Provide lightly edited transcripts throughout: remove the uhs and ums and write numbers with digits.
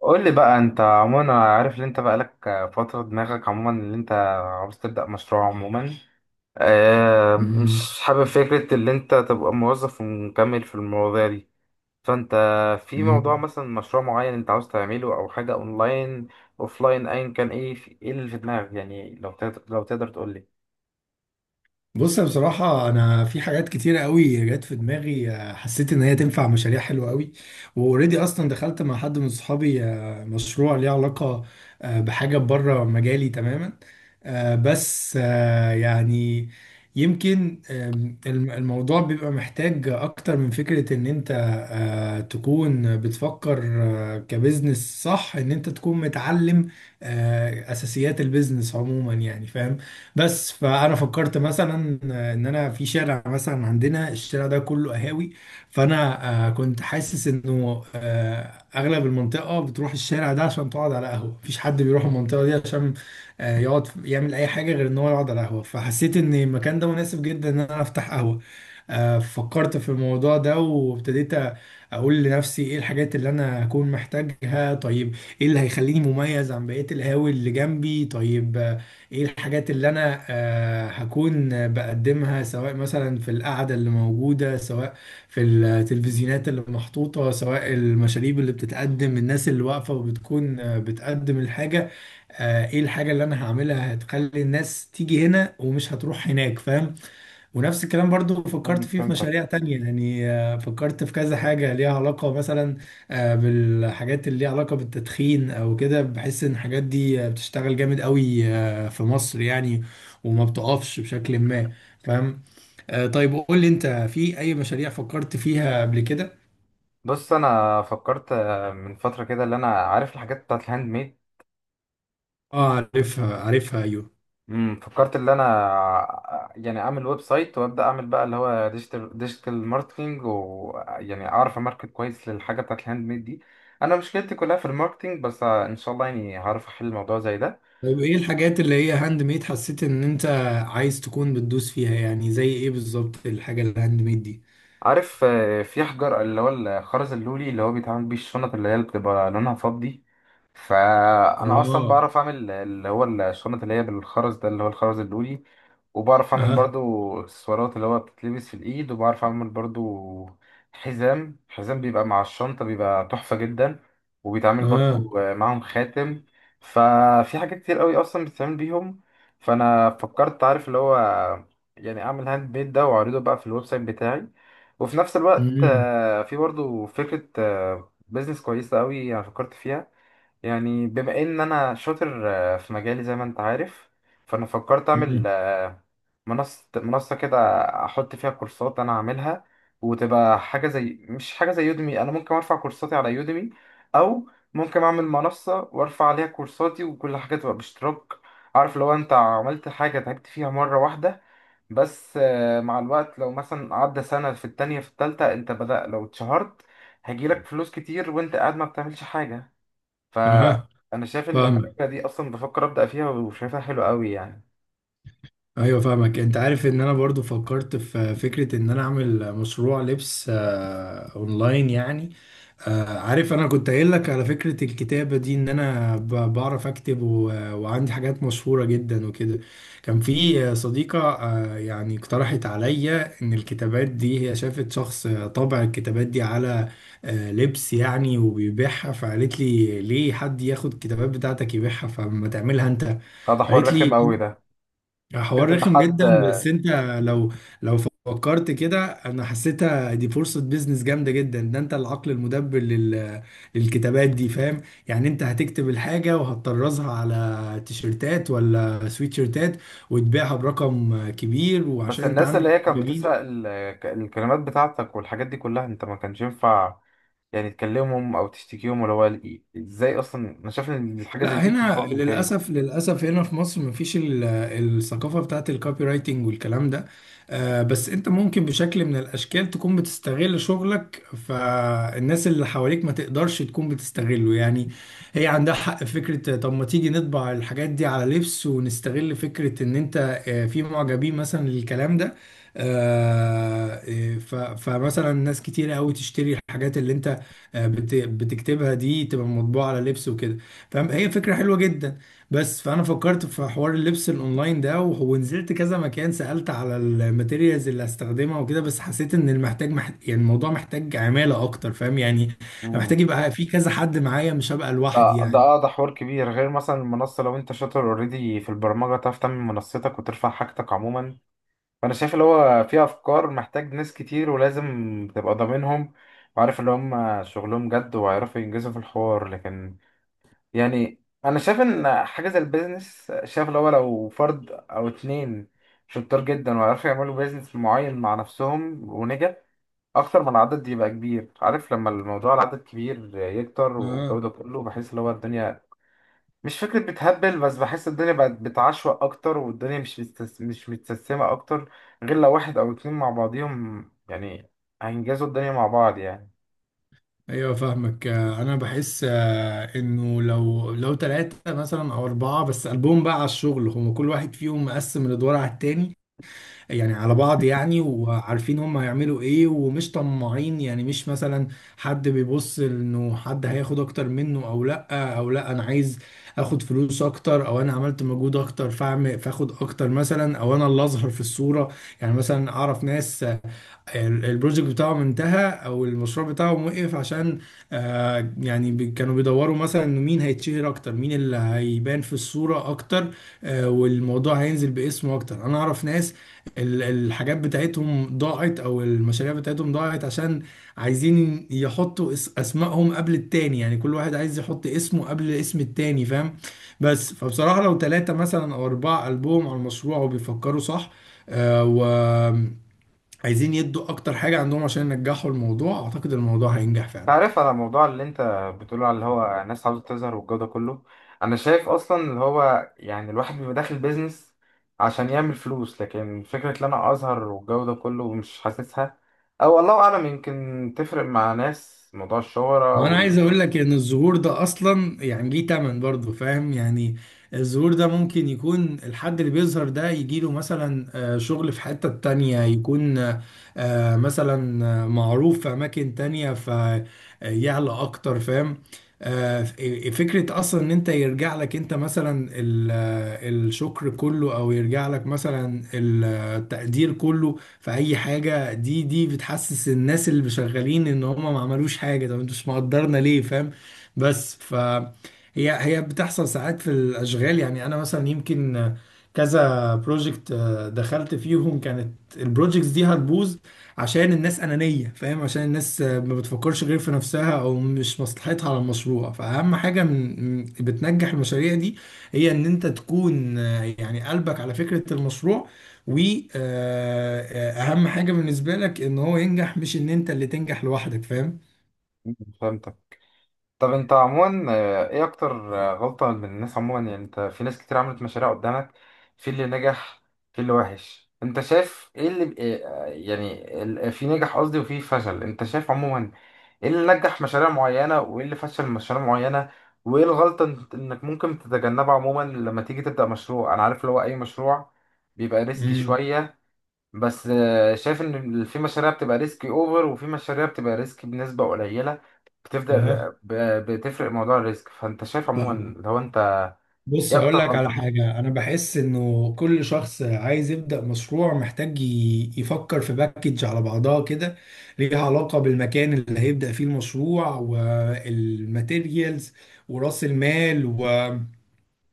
قول لي بقى، انت عموما انا عارف ان انت بقالك فترة دماغك عموما ان انت عاوز تبدأ مشروع. عموما اه، مم. مش حابب فكرة ان انت تبقى موظف ومكمل في المواضيع دي. فانت في موضوع مم. مثلا مشروع معين انت عاوز تعمله، او حاجة اونلاين اوفلاين ايا كان، ايه في ايه اللي في دماغك؟ يعني لو تقدر تقول لي. بص، أنا بصراحة أنا في حاجات كتيرة قوي جت في دماغي، حسيت إن هي تنفع مشاريع حلوة قوي. وأوريدي أصلا دخلت مع حد من صحابي، مشروع ليه علاقة بحاجة بره مجالي تماما. بس يعني يمكن، الموضوع بيبقى محتاج أكتر من فكرة إن أنت تكون بتفكر كبزنس صح، إن أنت تكون متعلم أساسيات البيزنس عموما، يعني فاهم. بس فانا فكرت مثلا، ان انا في شارع مثلا عندنا، الشارع ده كله قهاوي. فانا كنت حاسس انه اغلب المنطقه بتروح الشارع ده عشان تقعد على قهوه. مفيش حد بيروح المنطقه دي عشان يقعد يعمل اي حاجه غير ان هو يقعد على قهوه. فحسيت ان المكان ده مناسب جدا ان انا افتح قهوه. فكرت في الموضوع ده وابتديت اقول لنفسي: ايه الحاجات اللي انا هكون محتاجها؟ طيب، ايه اللي هيخليني مميز عن بقية القهاوي اللي جنبي؟ طيب ايه الحاجات اللي انا هكون بقدمها، سواء مثلا في القعده اللي موجوده، سواء في التلفزيونات اللي محطوطه، سواء المشاريب اللي بتتقدم، الناس اللي واقفه وبتكون بتقدم الحاجه. ايه الحاجه اللي انا هعملها هتخلي الناس تيجي هنا ومش هتروح هناك؟ فاهم. ونفس الكلام برضو فكرت مم. فيه في فهمتك. مشاريع تانية يعني، فكرت في كذا حاجة ليها علاقة مثلا بالحاجات اللي ليها علاقة بالتدخين أو كده. بحس إن الحاجات دي بتشتغل جامد قوي في مصر يعني، وما بتقفش بشكل ما، فاهم؟ طيب، قول لي أنت في أي مشاريع فكرت فيها قبل كده؟ بص، انا فكرت من فترة كده، اللي انا عارف الحاجات بتاعت الهاند ميد. اه، عارفها عارفها، أيوه. فكرت ان انا يعني اعمل ويب سايت، وابدا اعمل بقى اللي هو ديجيتال ماركتنج، ويعني اعرف اماركت كويس للحاجه بتاعت الهاند ميد دي. انا مشكلتي كلها في الماركتنج، بس ان شاء الله يعني هعرف احل الموضوع زي ده. طيب ايه الحاجات اللي هي هاند ميد حسيت ان انت عايز تكون بتدوس فيها؟ يعني زي ايه بالظبط الحاجة الهاند ميد دي؟ عارف، في حجر اللي هو الخرز اللولي اللي هو بيتعمل بيه الشنط اللي هي بتبقى لونها فضي. فانا اصلا اه. بعرف اعمل اللي هو الشنط اللي هي بالخرز ده، اللي هو الخرز اللولي. وبعرف اعمل اه. برضو اكسسوارات اللي هو بتتلبس في الايد، وبعرف اعمل برضو حزام بيبقى مع الشنطة، بيبقى تحفة جدا. وبيتعمل اه. برضو معاهم خاتم. ففي حاجات كتير قوي اصلا بتتعمل بيهم. فانا فكرت، عارف اللي هو يعني اعمل هاند ميد ده واعرضه بقى في الويب سايت بتاعي. وفي نفس الوقت امم. في برضو فكرة بيزنس كويسة قوي انا فكرت فيها. يعني بما ان انا شاطر في مجالي زي ما انت عارف، فانا فكرت اعمل امم. منصة كده، احط فيها كورسات انا هعملها. وتبقى حاجة زي، مش حاجة زي يوديمي. انا ممكن ارفع كورساتي على يوديمي، او ممكن اعمل منصة وارفع عليها كورساتي وكل حاجة تبقى باشتراك. عارف، لو انت عملت حاجة تعبت فيها مرة واحدة بس، مع الوقت لو مثلا عدى سنة في التانية في التالتة، انت بدأ لو اتشهرت، هيجيلك فلوس كتير وانت قاعد ما بتعملش حاجة. اها، فانا شايف ان فاهمك. الفكره دي اصلا بفكر ابدا فيها، وشايفها حلو قوي يعني. ايوه فاهمك. انت عارف ان انا برضو فكرت في فكرة ان انا اعمل مشروع لبس اونلاين يعني. عارف انا كنت قايل لك على فكرة الكتابة دي ان انا بعرف اكتب وعندي حاجات مشهورة جدا وكده. كان في صديقة يعني اقترحت عليا ان الكتابات دي، هي شافت شخص طبع الكتابات دي على لبس يعني وبيبيعها، فقالت لي: ليه حد ياخد الكتابات بتاعتك يبيعها؟ فما تعملها انت. هذا حوار قالت رخم لي قوي ده، حوار فكره ان رخم حد... جدا. بس انت لو لو فكرت كده، انا حسيتها دي فرصة بيزنس جامدة جدا. ده انت العقل المدبر للكتابات دي، فاهم؟ يعني انت هتكتب الحاجة وهتطرزها على تيشيرتات ولا سويتشيرتات وتبيعها برقم كبير، بس وعشان انت الناس اللي عندك هي كانت بتسرق معجبين. الكلمات بتاعتك والحاجات دي كلها، انت ما كانش ينفع يعني تكلمهم او تشتكيهم. ولا هو ازاي اصلا؟ انا شايف ان الحاجه زي لا، دي بتبقى حقوق هنا ملكيه. للاسف، للاسف هنا في مصر مفيش الثقافه بتاعت الكوبي رايتنج والكلام ده. بس انت ممكن بشكل من الاشكال تكون بتستغل شغلك، فالناس اللي حواليك ما تقدرش تكون بتستغله يعني. هي عندها حق في فكره: طب ما تيجي نطبع الحاجات دي على لبس ونستغل فكره ان انت في معجبين مثلا للكلام ده. فمثلا ناس كتير قوي تشتري الحاجات اللي انت بتكتبها دي، تبقى مطبوعه على لبس وكده، فاهم؟ هي فكرة حلوة جدا. بس فأنا فكرت في حوار اللبس الأونلاين ده ونزلت كذا مكان، سألت على الماتيريالز اللي هستخدمها وكده، بس حسيت إن يعني الموضوع محتاج عمالة أكتر، فاهم يعني. أنا مم. محتاج يبقى في كذا حد معايا، مش هبقى ده لوحدي ده يعني. اه ده حوار كبير، غير مثلا المنصه. لو انت شاطر اوريدي في البرمجه، تعرف تعمل منصتك وترفع حاجتك عموما. فانا شايف اللي هو في افكار محتاج ناس كتير، ولازم تبقى ضامنهم وعارف اللي هم شغلهم جد وهيعرفوا ينجزوا في الحوار. لكن يعني انا شايف ان حاجه زي البيزنس، شايف اللي هو لو فرد او اتنين شطار جدا وعرفوا يعملوا بيزنس معين مع نفسهم ونجح، اكتر من العدد يبقى كبير. عارف، لما الموضوع العدد كبير يكتر والجو اه، ده كله، بحس اللي هو الدنيا مش فكرة بتهبل. بس بحس الدنيا بقت بتعشوق أكتر، والدنيا مش مش متسمة أكتر، غير لو واحد أو اتنين مع بعضيهم يعني، هينجزوا الدنيا مع بعض يعني. ايوه فاهمك. انا بحس انه لو ثلاثة مثلا او اربعة بس قلبهم بقى على الشغل، هما كل واحد فيهم مقسم الادوار على التاني يعني، على بعض يعني، وعارفين هم هيعملوا ايه ومش طماعين، يعني مش مثلا حد بيبص انه حد هياخد اكتر منه، او لا، او لا انا عايز اخد فلوس اكتر، او انا عملت مجهود اكتر فاخد اكتر مثلا، او انا اللي اظهر في الصورة. يعني مثلا اعرف ناس البروجكت بتاعهم انتهى او المشروع بتاعهم وقف عشان يعني كانوا بيدوروا مثلا انه مين هيتشهر اكتر، مين اللي هيبان في الصورة اكتر، والموضوع هينزل باسمه اكتر. انا اعرف ناس الحاجات بتاعتهم ضاعت او المشاريع بتاعتهم ضاعت عشان عايزين يحطوا اسمائهم قبل التاني، يعني كل واحد عايز يحط اسمه قبل اسم التاني، فاهم؟ بس فبصراحة لو ثلاثة مثلا او اربعة قلبهم على المشروع وبيفكروا صح، و عايزين يدوا اكتر حاجه عندهم عشان ينجحوا الموضوع، اعتقد الموضوع هينجح أنت فعلا. عارف، على الموضوع اللي أنت بتقوله على اللي هو ناس عاوزة تظهر والجو ده كله، أنا شايف أصلا اللي هو يعني الواحد بيبقى داخل بيزنس عشان يعمل فلوس، لكن فكرة إن أنا أظهر والجو ده كله مش حاسسها. أو الله أعلم، يمكن تفرق مع ناس موضوع الشهرة وانا عايز وال... اقول لك ان الظهور ده اصلا يعني ليه تمن برضه، فاهم يعني. الظهور ده ممكن يكون الحد اللي بيظهر ده يجيله مثلا شغل في حتة تانية، يكون مثلا معروف في اماكن تانية فيعلى اكتر، فاهم. آه، فكرة أصلا إن أنت يرجع لك أنت مثلا الشكر كله أو يرجع لك مثلا التقدير كله، فأي حاجة دي بتحسس الناس اللي شغالين إن هم ما عملوش حاجة: طب انتوا مش مقدرنا ليه؟ فاهم. بس هي بتحصل ساعات في الأشغال يعني. أنا مثلا يمكن كذا بروجكت دخلت فيهم كانت البروجكتس دي هتبوظ عشان الناس أنانية، فاهم، عشان الناس ما بتفكرش غير في نفسها أو مش مصلحتها على المشروع. فأهم حاجة بتنجح المشاريع دي هي إن أنت تكون يعني قلبك على فكرة المشروع، واهم حاجه بالنسبه لك ان هو ينجح مش ان انت اللي تنجح لوحدك، فاهم. فهمتك. طب انت عموما، ايه اكتر غلطة من الناس عموما؟ يعني انت في ناس كتير عملت مشاريع قدامك، في اللي نجح في اللي وحش. انت شايف ايه اللي ايه، يعني في نجح قصدي وفي فشل؟ انت شايف عموما ايه اللي نجح مشاريع معينة وايه اللي فشل مشاريع معينة؟ وايه الغلطة انك ممكن تتجنبها عموما لما تيجي تبدأ مشروع؟ انا عارف اللي هو اي مشروع بيبقى ريسكي امم. شوية، بس شايف ان في مشاريع بتبقى ريسكي اوفر وفي مشاريع بتبقى ريسكي بنسبة قليلة. بتفضل اها، ب- بتفرق موضوع الريسك. فانت شايف فاهمك. عموما لو انت بص ايه اكتر هقول لك على غلطة؟ حاجه: انا بحس انه كل شخص عايز يبدا مشروع محتاج يفكر في باكج على بعضها كده، ليها علاقه بالمكان اللي هيبدا فيه المشروع، والماتيريالز، وراس المال،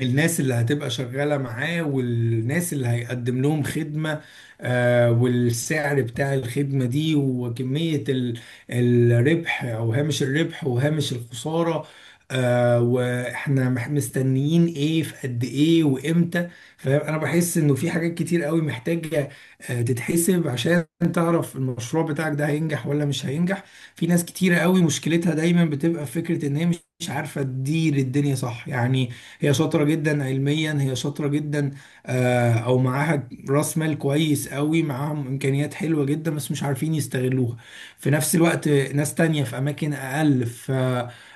الناس اللي هتبقى شغالة معاه، والناس اللي هيقدم لهم خدمة، والسعر بتاع الخدمة دي، وكمية الربح أو هامش الربح وهامش الخسارة، واحنا مستنيين ايه في قد ايه وامتى. فانا بحس انه في حاجات كتير قوي محتاجة تتحسب عشان تعرف المشروع بتاعك ده هينجح ولا مش هينجح. في ناس كتيرة قوي مشكلتها دايما بتبقى في فكرة ان هي مش عارفة تدير الدنيا صح يعني. هي شاطرة جدا علميا، هي شاطرة جدا او معاها راس مال كويس قوي، معاهم امكانيات حلوة جدا، بس مش عارفين يستغلوها. في نفس الوقت ناس تانية في اماكن اقل ف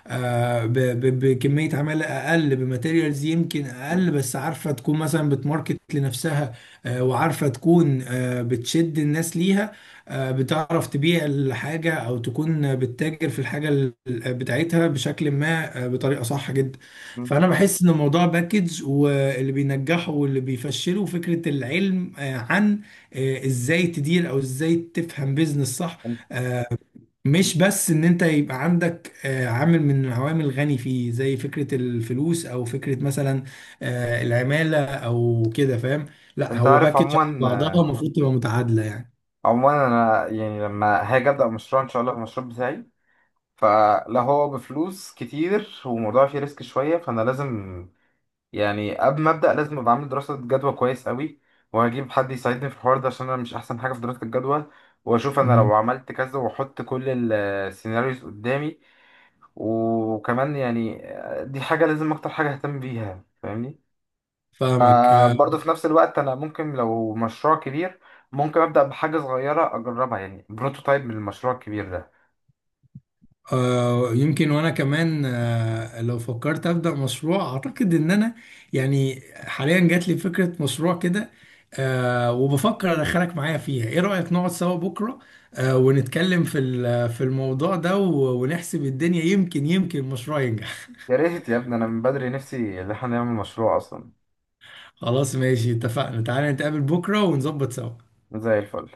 آه، ب- ب- بكمية عمالة أقل، بماتيريالز يمكن أقل، بس عارفة تكون مثلا بتماركت لنفسها، وعارفة تكون بتشد الناس ليها، بتعرف تبيع الحاجة أو تكون بتتاجر في الحاجة بتاعتها بشكل ما بطريقة صح جدا. مم. فانا بحس ان الموضوع باكج، واللي بينجحه واللي بيفشله فكره العلم عن ازاي تدير او ازاي تفهم بيزنس صح، مش بس ان انت يبقى عندك عامل من العوامل الغني فيه زي فكره الفلوس او فكره مثلا العماله او كده، فاهم. لا، انت هو عارف باكج على بعضها عموما، المفروض تبقى متعادله يعني. عموما انا يعني لما هاجي ابدا مشروع ان شاء الله المشروع بتاعي، فلا هو بفلوس كتير وموضوع فيه ريسك شويه، فانا لازم يعني قبل ما ابدا لازم ابقى عامل دراسه جدوى كويس قوي، وهجيب حد يساعدني في الحوار ده عشان انا مش احسن حاجه في دراسه الجدوى. واشوف انا مم. لو عملت كذا واحط كل السيناريوز قدامي، وكمان يعني دي حاجه لازم اكتر حاجه اهتم بيها، فاهمني؟ فاهمك. برضه في نفس الوقت، انا ممكن لو مشروع كبير، ممكن ابدا بحاجه صغيره اجربها يعني بروتوتايب من المشروع الكبير ده. يمكن وانا كمان لو فكرت ابدا مشروع، اعتقد ان انا يعني حاليا جات لي فكره مشروع كده وبفكر ادخلك معايا فيها. ايه رايك نقعد سوا بكره ونتكلم في في الموضوع ده ونحسب الدنيا، يمكن المشروع ينجح. يا ريت يا ابني، انا من بدري نفسي ان احنا نعمل مشروع اصلا. خلاص ماشي، اتفقنا. تعالى نتقابل بكره ونظبط سوا. زي الفل.